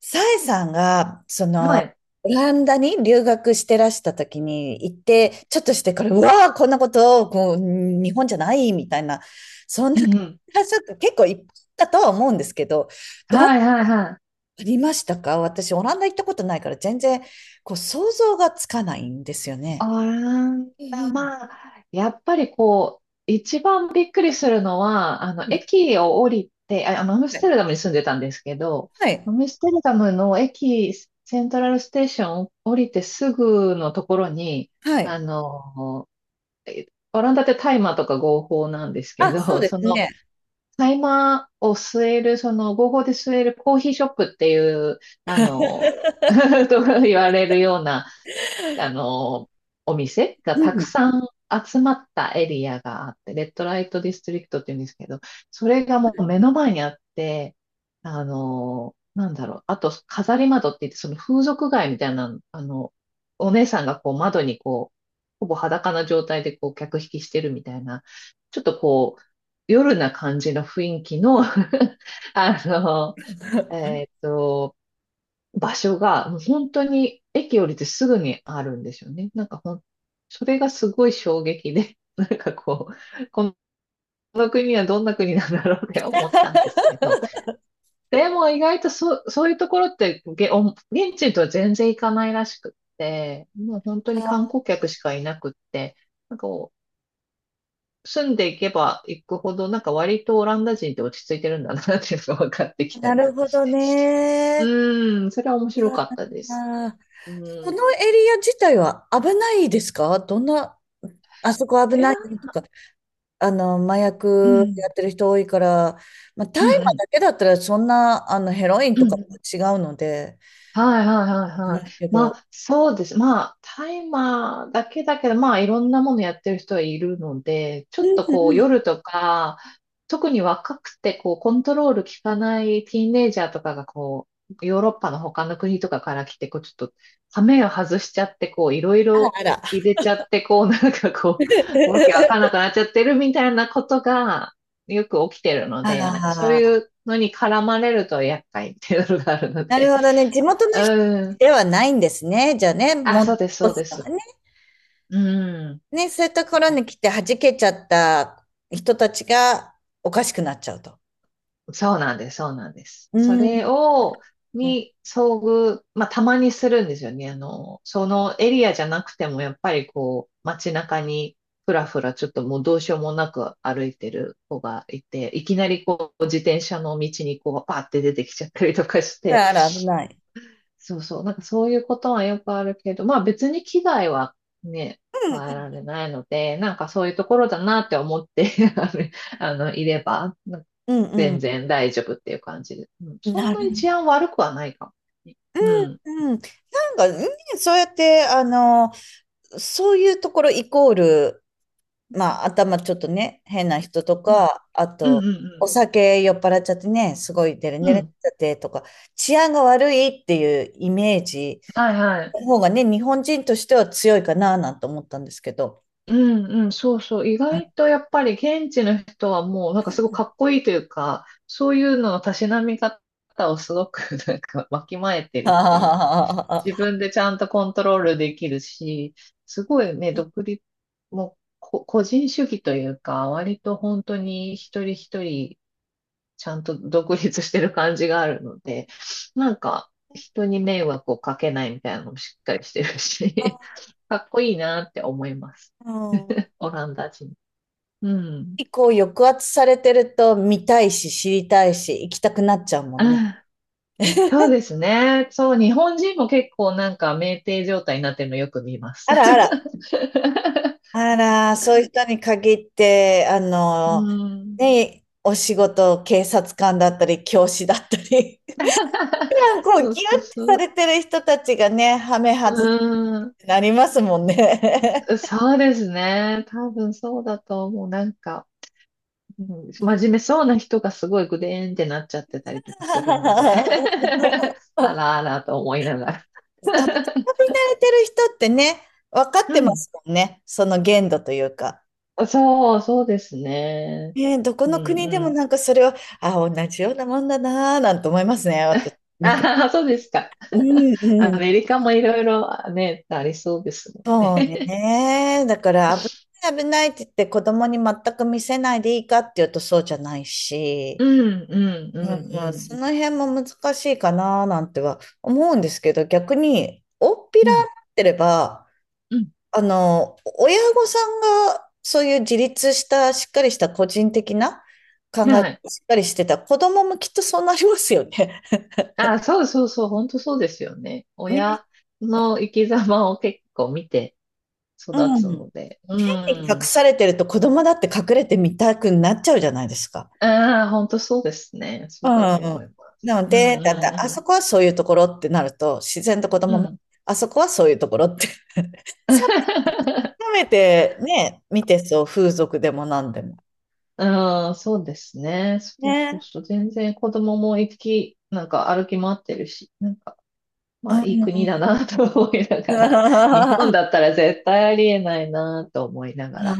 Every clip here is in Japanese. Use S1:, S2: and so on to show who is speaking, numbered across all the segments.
S1: さえさんが、
S2: はい。
S1: オランダに留学してらした時に行って、ちょっとしてから、うわあ、こんなこと、日本じゃないみたいな、そん
S2: う
S1: な感
S2: んうん。
S1: じがちょっと結構いっぱいあったとは思うんですけど、どう
S2: はいはいはい。
S1: ありましたか？私、オランダ行ったことないから、全然、こう、想像がつかないんですよ
S2: あ
S1: ね。
S2: な
S1: うん
S2: まあ、やっぱりこう、一番びっくりするのは、
S1: うん
S2: 駅を降りて、アム
S1: う
S2: ステ
S1: ん
S2: ルダムに住んでたんですけど、
S1: はい。
S2: アムステルダムの駅、セントラルステーションを降りてすぐのところに、
S1: は
S2: あ
S1: い。
S2: の、えオランダってタイマーとか合法なんですけ
S1: あ、そう
S2: ど、
S1: で
S2: そ
S1: す
S2: の
S1: ね。
S2: タイマーを吸える、その合法で吸えるコーヒーショップっていう、あの、と言われるような、あの、お店が
S1: う
S2: たく
S1: ん。
S2: さん集まったエリアがあって、レッドライトディストリクトって言うんですけど、それがもう目の前にあって、あと飾り窓って言って、その風俗街みたいな、お姉さんがこう窓にこう、ほぼ裸な状態でこう客引きしてるみたいな、ちょっとこう、夜な感じの雰囲気の あの、えっと、場所が本当に駅降りてすぐにあるんですよね。なんかそれがすごい衝撃で、なんかこう、この国はどんな国なんだろうって思ったんですけど、でも意外とそういうところって現地とは全然行かないらしくって、もう本当に観
S1: あ、
S2: 光客しかいなくって、なんかこう住んでいけば行くほど、なんか割とオランダ人って落ち着いてるんだなっていうのが分かってきた
S1: な
S2: りと
S1: るほ
S2: かし
S1: ど
S2: て。
S1: ね。
S2: うーん、それは面白かったですね。
S1: あー、
S2: う
S1: そ
S2: ん。
S1: の
S2: い
S1: エリア自体は危ないですか？どんな、あそこ危ない
S2: や、
S1: よとか、あの、麻
S2: う
S1: 薬
S2: ん、
S1: やってる人多いから、まあ、大
S2: うん、う
S1: 麻
S2: ん、
S1: だけだったらそんな、あの、ヘロイン
S2: う
S1: とか
S2: ん、
S1: 違うので、
S2: はいはいはいは
S1: な
S2: い。
S1: いけ
S2: ま
S1: ど、
S2: あそうです。まあタイマーだけだけど、まあいろんなものやってる人はいるので、ちょ
S1: う
S2: っ
S1: ん
S2: とこう
S1: うん、
S2: 夜とか、特に若くてこうコントロール効かないティーンエイジャーとかがこうヨーロッパの他の国とかから来て、こうちょっと羽目を外しちゃってこういろい
S1: あら
S2: ろ
S1: あら。
S2: 入れちゃってこうなんかこうわけわかんな くなっちゃってるみたいなことがよく起きてるの
S1: あ
S2: で、なんかそう
S1: あ、
S2: いうのに絡まれると厄介っていうのがあるの
S1: なる
S2: で。
S1: ほどね。地元の
S2: う
S1: 人
S2: ん。
S1: ではないんですね。じゃあね、
S2: あ、
S1: もう、ね、
S2: そうです、そうです。うん。
S1: ね、そういったところに来て弾けちゃった人たちがおかしくなっちゃうと。
S2: そうなんです、そうなんです。そ
S1: うん。
S2: れを、
S1: あ
S2: に遭遇、まあ、たまにするんですよね。あの、そのエリアじゃなくても、やっぱりこう、街中に、ふらふら、ちょっともうどうしようもなく歩いてる子がいて、いきなりこう、自転車の道にこう、パーって出てきちゃったりとかして、
S1: らあら、危ない。
S2: そうそう、なんかそういうことはよくあるけど、まあ別に危害はね、
S1: う
S2: 加え
S1: ん
S2: られないので、なんかそういうところだなって思って ああのいれば、なんか
S1: うん
S2: 全然大丈夫っていう感じで。うん、
S1: うん。
S2: そん
S1: な
S2: なに
S1: る。
S2: 治安悪くはないかもね。
S1: うん。なんか、ね、そうやって、あの、そういうところイコール、まあ、頭ちょっとね、変な人と
S2: うん
S1: か、あ
S2: うん
S1: と、
S2: う
S1: お
S2: ん
S1: 酒酔っ払っちゃってね、すごいデレ
S2: う
S1: デ
S2: んうん。
S1: レ
S2: う
S1: になっ
S2: ん。
S1: ちゃってとか、治安が悪いっていうイメージ
S2: はいはい。
S1: の方がね、日本人としては強いかな、なんて思ったんですけど。
S2: うんうん、そうそう。意外 とやっぱり現地の人はもうなんかすごいかっこいいというか、そういうののたしなみ方をすごく なんかわきまえて
S1: あ
S2: るっていうか、自
S1: ー、
S2: 分でちゃんとコントロールできるし、すごいね、独立、もう個人主義というか、割と本当に一人一人ちゃんと独立してる感じがあるので、なんか人に迷惑をかけないみたいなのもしっかりしてるし、かっこいいなって思います。
S1: うん、
S2: オランダ人。うん。
S1: 結構抑圧されてると見たいし知りたいし行きたくなっちゃうもんね。
S2: あ、そうですね。そう、日本人も結構なんか酩酊状態になってるのよく見ます。
S1: あらあら、 あら、そういう人に限って、あ
S2: う
S1: の、
S2: ん。
S1: ね、お仕事、警察官だったり、教師だったり、普段こう、ギュ
S2: そ
S1: ッ
S2: うそう
S1: て
S2: そ
S1: さ
S2: う。
S1: れてる人たちがね、ハメ外っ
S2: うん。
S1: てなりますもんね。
S2: そうですね。多分そうだと思う。なんか、うん、真面目そうな人がすごいグデーンってなっちゃってたりとかするので あ
S1: あ、
S2: らあらと思いながら
S1: 遊び慣れてる人ってね、分か っ
S2: う
S1: てま
S2: ん。
S1: すもんね、その限度というか。
S2: そう、そうですね。
S1: ね、どこ
S2: うんう
S1: の国でも
S2: ん。
S1: なんかそれは、あ、同じようなもんだなぁ、なんて思いますね、私見て。
S2: ああ、そうですか。
S1: う ん、
S2: ア
S1: うん。
S2: メリカもいろいろね、ありそうですね。
S1: そうね。だから危ない危ないって言って子供に全く見せないでいいかっていうとそうじゃないし、
S2: うんうんう
S1: うん、
S2: んうん
S1: その辺も難しいかななんては思うんですけど、逆に大っぴら
S2: う
S1: に
S2: ん
S1: なってれば、
S2: うん、
S1: あの、親御さんがそういう自立したしっかりした個人的な考え
S2: はい。
S1: 方しっかりしてた子供もきっとそうなりますよね。
S2: ああ、そうそうそう、本当そうですよね。
S1: ね。
S2: 親の生き様を結構見て育
S1: う
S2: つ
S1: ん。
S2: ので。う
S1: 隠
S2: ん。
S1: されてると子供だって隠れてみたくなっちゃうじゃないですか。
S2: ああ、本当そうですね。
S1: う
S2: そうだと思い
S1: ん。
S2: ます。
S1: なの
S2: う
S1: で、だって
S2: ん
S1: あそこはそういうところってなると、自然と子
S2: うん
S1: 供
S2: うん。う
S1: も、
S2: ん。
S1: あそこはそういうところって。褒 めてね、見てそう、風俗でも何でも。
S2: ああ、そうですね。そうそう
S1: ね。
S2: そう。全然子供もなんか歩き回ってるし、なんか、まあ
S1: う
S2: いい国だ
S1: ん。
S2: なと思いながら、日本
S1: あ
S2: だったら絶対ありえないなと思いながら。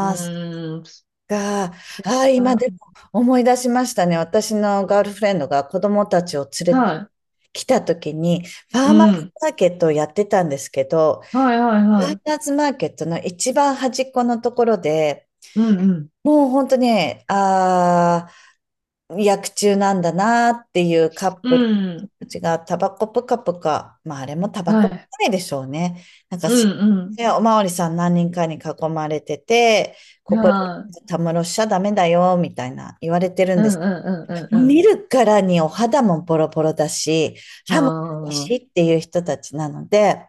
S2: う
S1: そっ
S2: ーん、そ
S1: か。あ
S2: れ
S1: あ、今
S2: が、
S1: でも思い出しましたね。私のガールフレンドが子供たちを連れて
S2: は
S1: きた時に、フ
S2: い。
S1: ァーマー
S2: う
S1: ズ
S2: ん。
S1: マーケットをやってたんですけど、
S2: はいはい
S1: ファ
S2: は
S1: ーマ
S2: い。
S1: ーズマーケットの一番端っこのところで、
S2: うん
S1: もう本当にね、あ、薬中なんだなっていうカッ
S2: う
S1: プル
S2: ん。うん。
S1: たちがタバコぷかぷか、まああれもタバ
S2: は
S1: コじ
S2: い。
S1: ゃないでしょうね。なんか
S2: う
S1: す、
S2: ん
S1: ね、おまわりさん何人かに囲まれてて、
S2: うん。
S1: ここで
S2: はい。
S1: たむろしちゃダメだよ、みたいな言われてる
S2: う
S1: ん
S2: んう
S1: です。
S2: んうんうん
S1: 見るからにお肌もボロボロだし、
S2: う
S1: 歯もおか
S2: ん。あ
S1: しい
S2: あ。
S1: っていう人たちなので、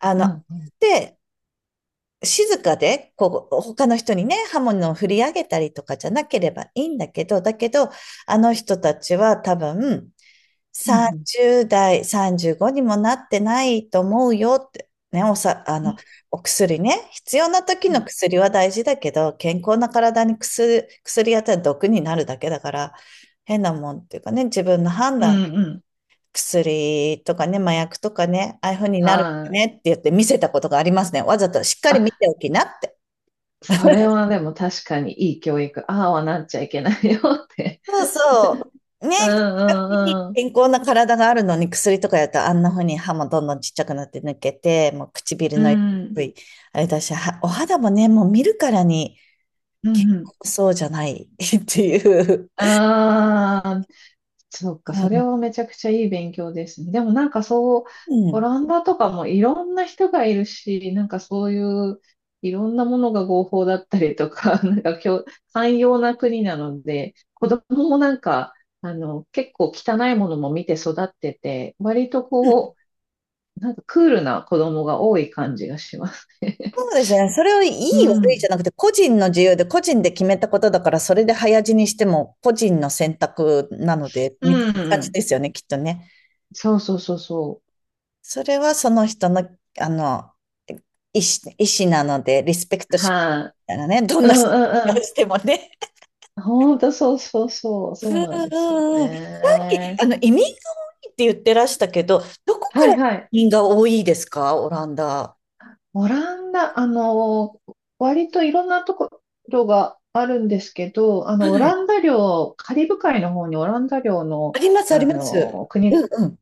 S1: あ
S2: うん、
S1: の、
S2: うん、
S1: で、静かで、こう、他の人にね、刃物を振り上げたりとかじゃなければいいんだけど、だけど、あの人たちは多分、
S2: うん、
S1: 30代、35にもなってないと思うよって、ね、あ
S2: う
S1: の、
S2: ん、
S1: お薬ね、必要な時
S2: うん、う
S1: の
S2: ん、
S1: 薬は大事だけど、健康な体に薬やったら毒になるだけだから、変なもんっていうかね、自分の判
S2: う
S1: 断、
S2: んうん、
S1: 薬とかね、麻薬とかね、ああいう風になるよ
S2: は
S1: ねっ
S2: い。
S1: て言って見せたことがありますね。わざとしっかり見
S2: あ、
S1: ておきなって。
S2: それはでも確かにいい教育、ああはなっちゃいけないよって。
S1: そうそう。ね、
S2: うん、うん、うん、
S1: 健康な体があるのに薬とかやったらあんな風に歯もどんどんちっちゃくなって抜けて、もう唇
S2: う
S1: の
S2: ん、
S1: 色い、あれだし、はお肌もね、もう見るからに
S2: う
S1: 健
S2: ん、うん。
S1: 康そうじゃない っていう。
S2: ああ。そっか、それはめちゃくちゃいい勉強ですね。でもなんかそう、
S1: う
S2: オ
S1: ん。
S2: ランダとかもいろんな人がいるし、なんかそういういろんなものが合法だったりとか、なんか今日、寛容な国なので、子供もなんか、結構汚いものも見て育ってて、割とこう、なんかクールな子供が多い感じがしますね。
S1: そうですね。それをいい
S2: う
S1: 悪いじゃ
S2: ん。
S1: なくて、個人の自由で個人で決めたことだから、それで早死にしても個人の選択なので、
S2: う
S1: みたいな感じ
S2: ん。
S1: ですよね、きっとね。
S2: そうそうそうそ
S1: それはその人の、あの、意思なので、リスペクト
S2: う。
S1: し
S2: は
S1: ながらね、どん
S2: い、う
S1: な人
S2: んう
S1: を
S2: ん、
S1: してもね。
S2: ほんと、そうそうそう、
S1: うん
S2: そうなんですよ
S1: うんうん。さっき、
S2: ね。
S1: あの、移民が多いって言ってらしたけど、どこか
S2: はい
S1: ら
S2: はい。
S1: 移民が多いですか？オランダ。
S2: オランダ、割といろんなところがあるんですけど、
S1: は
S2: オラ
S1: い。
S2: ンダ領、カリブ海の方にオランダ領
S1: あ
S2: の、
S1: ります、あります。う
S2: 国
S1: んうん。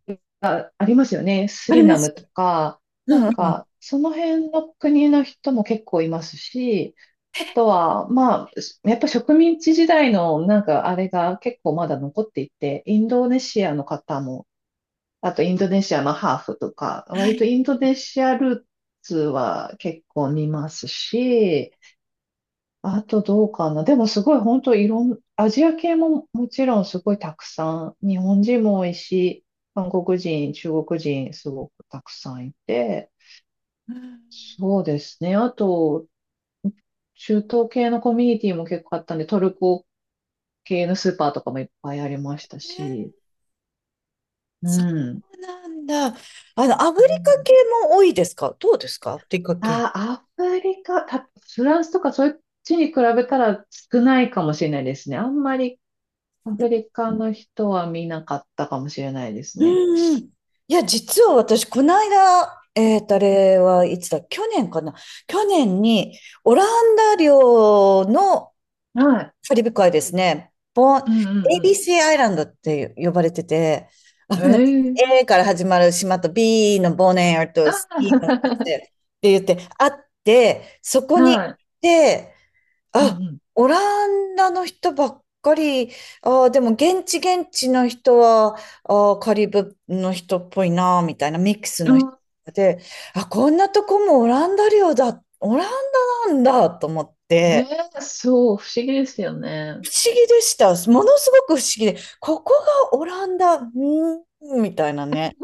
S2: ありますよね。ス
S1: あり
S2: リ
S1: ま
S2: ナ
S1: す。
S2: ムとか、な
S1: うん
S2: ん
S1: うん。
S2: か、その辺の国の人も結構いますし、あとは、まあ、やっぱ植民地時代のなんかあれが結構まだ残っていて、インドネシアの方も、あとインドネシアのハーフとか、
S1: は
S2: 割と
S1: い。
S2: インドネシアルーツは結構見ますし、あとどうかな。でもすごい本当いろん、アジア系ももちろんすごいたくさん、日本人も多いし、韓国人、中国人すごくたくさんいて、
S1: うん、
S2: そうですね。あと、中東系のコミュニティも結構あったんで、トルコ系のスーパーとかもいっぱいありました
S1: えー、
S2: し、う
S1: そ
S2: ん。
S1: うなんだ。あの、アフ
S2: う
S1: リカ
S2: ん。
S1: 系も多いですか？どうですか？アフリカ系。
S2: ああ、アフリカ、た、フランスとかそっちに比べたら少ないかもしれないですね。あんまりアフリカの人は見なかったかもしれないです
S1: う
S2: ね。
S1: んうん。いや、実は私、この間、あれはいつだ、去年かな。去年に、オランダ領の
S2: うん、はい。
S1: カリブ海ですね。ボン、
S2: うんうん
S1: ABC アイランドって呼ばれてて、あ
S2: うん。
S1: の、
S2: へえ。
S1: A から始まる島と B のボネア
S2: あ
S1: と C のっ
S2: ー
S1: て言って、あって、そ こに行
S2: は
S1: っ
S2: い。
S1: て、
S2: う
S1: あ、
S2: ん
S1: オランダの人ばっかり、あーでも現地現地の人は、あーカリブの人っぽいな、みたいなミックス
S2: う
S1: の
S2: ん。
S1: 人
S2: うん、
S1: で、あ、こんなとこもオランダ領だ、オランダなんだと思っ
S2: ね
S1: て、
S2: え、そう、不思議ですよ
S1: 不
S2: ね。
S1: 思議でした。ものすごく不思議で、ここがオランダ、うーん、みたいなね。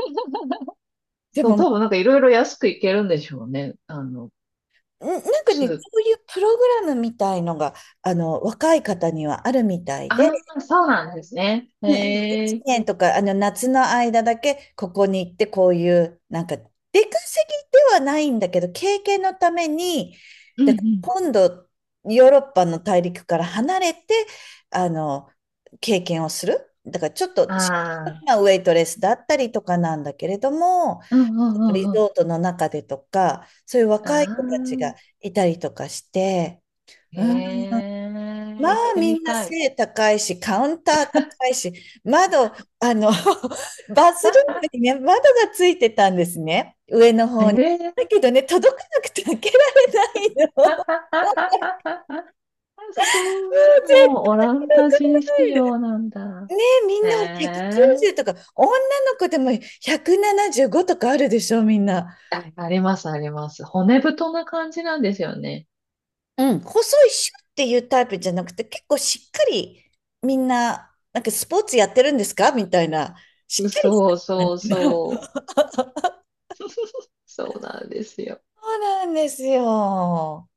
S1: で
S2: そう、
S1: も、
S2: 多分なんかいろいろ安くいけるんでしょうね。
S1: なんか
S2: ス
S1: ね、
S2: ー
S1: そ
S2: パー。
S1: ういうプログラムみたいのが、あの、若い方にはあるみたいで、
S2: ああ、そうなんですね。
S1: うんうん、
S2: へ
S1: 1
S2: え。
S1: 年とか、あの、夏の間だけ、ここに行って、こういう、なんか、出稼ぎではないんだけど、経験のために、
S2: うんう
S1: だから
S2: ん。
S1: 今度、ヨーロッパの大陸から離れて、あの、経験をする。だから、ちょっと、シンプ
S2: あ
S1: ルな
S2: あ。
S1: ウェイトレスだったりとかなんだけれども、
S2: うんうん
S1: リ
S2: うんう
S1: ゾートの中でとか、そういう
S2: ん。
S1: 若い
S2: あ
S1: 子たちが
S2: あ。
S1: いたりとかして、
S2: へ
S1: うん、ま
S2: え、行っ
S1: あ
S2: て
S1: み
S2: み
S1: んな
S2: たい。
S1: 背高いし、カウンター高いし、窓、あの、バスルームに ね、窓がついてたんですね、上の
S2: え
S1: 方に。
S2: え
S1: だけどね、届かなくて開けられないの。もう 絶対届か
S2: そう、もうオランダ人
S1: な
S2: 仕
S1: いで。
S2: 様なんだ。
S1: ねえ、みんな
S2: え
S1: 190と
S2: え、
S1: か、女の子でも175とかあるでしょ、みんな。
S2: あ、あります、あります。骨太な感じなんですよね。
S1: うん、細いシュッっていうタイプじゃなくて、結構しっかりみんな、なんかスポーツやってるんですか、みたいな、しっかりし
S2: そ
S1: た
S2: う
S1: 感
S2: そう
S1: じの
S2: そう。そうなんですよ。
S1: そうなんですよ。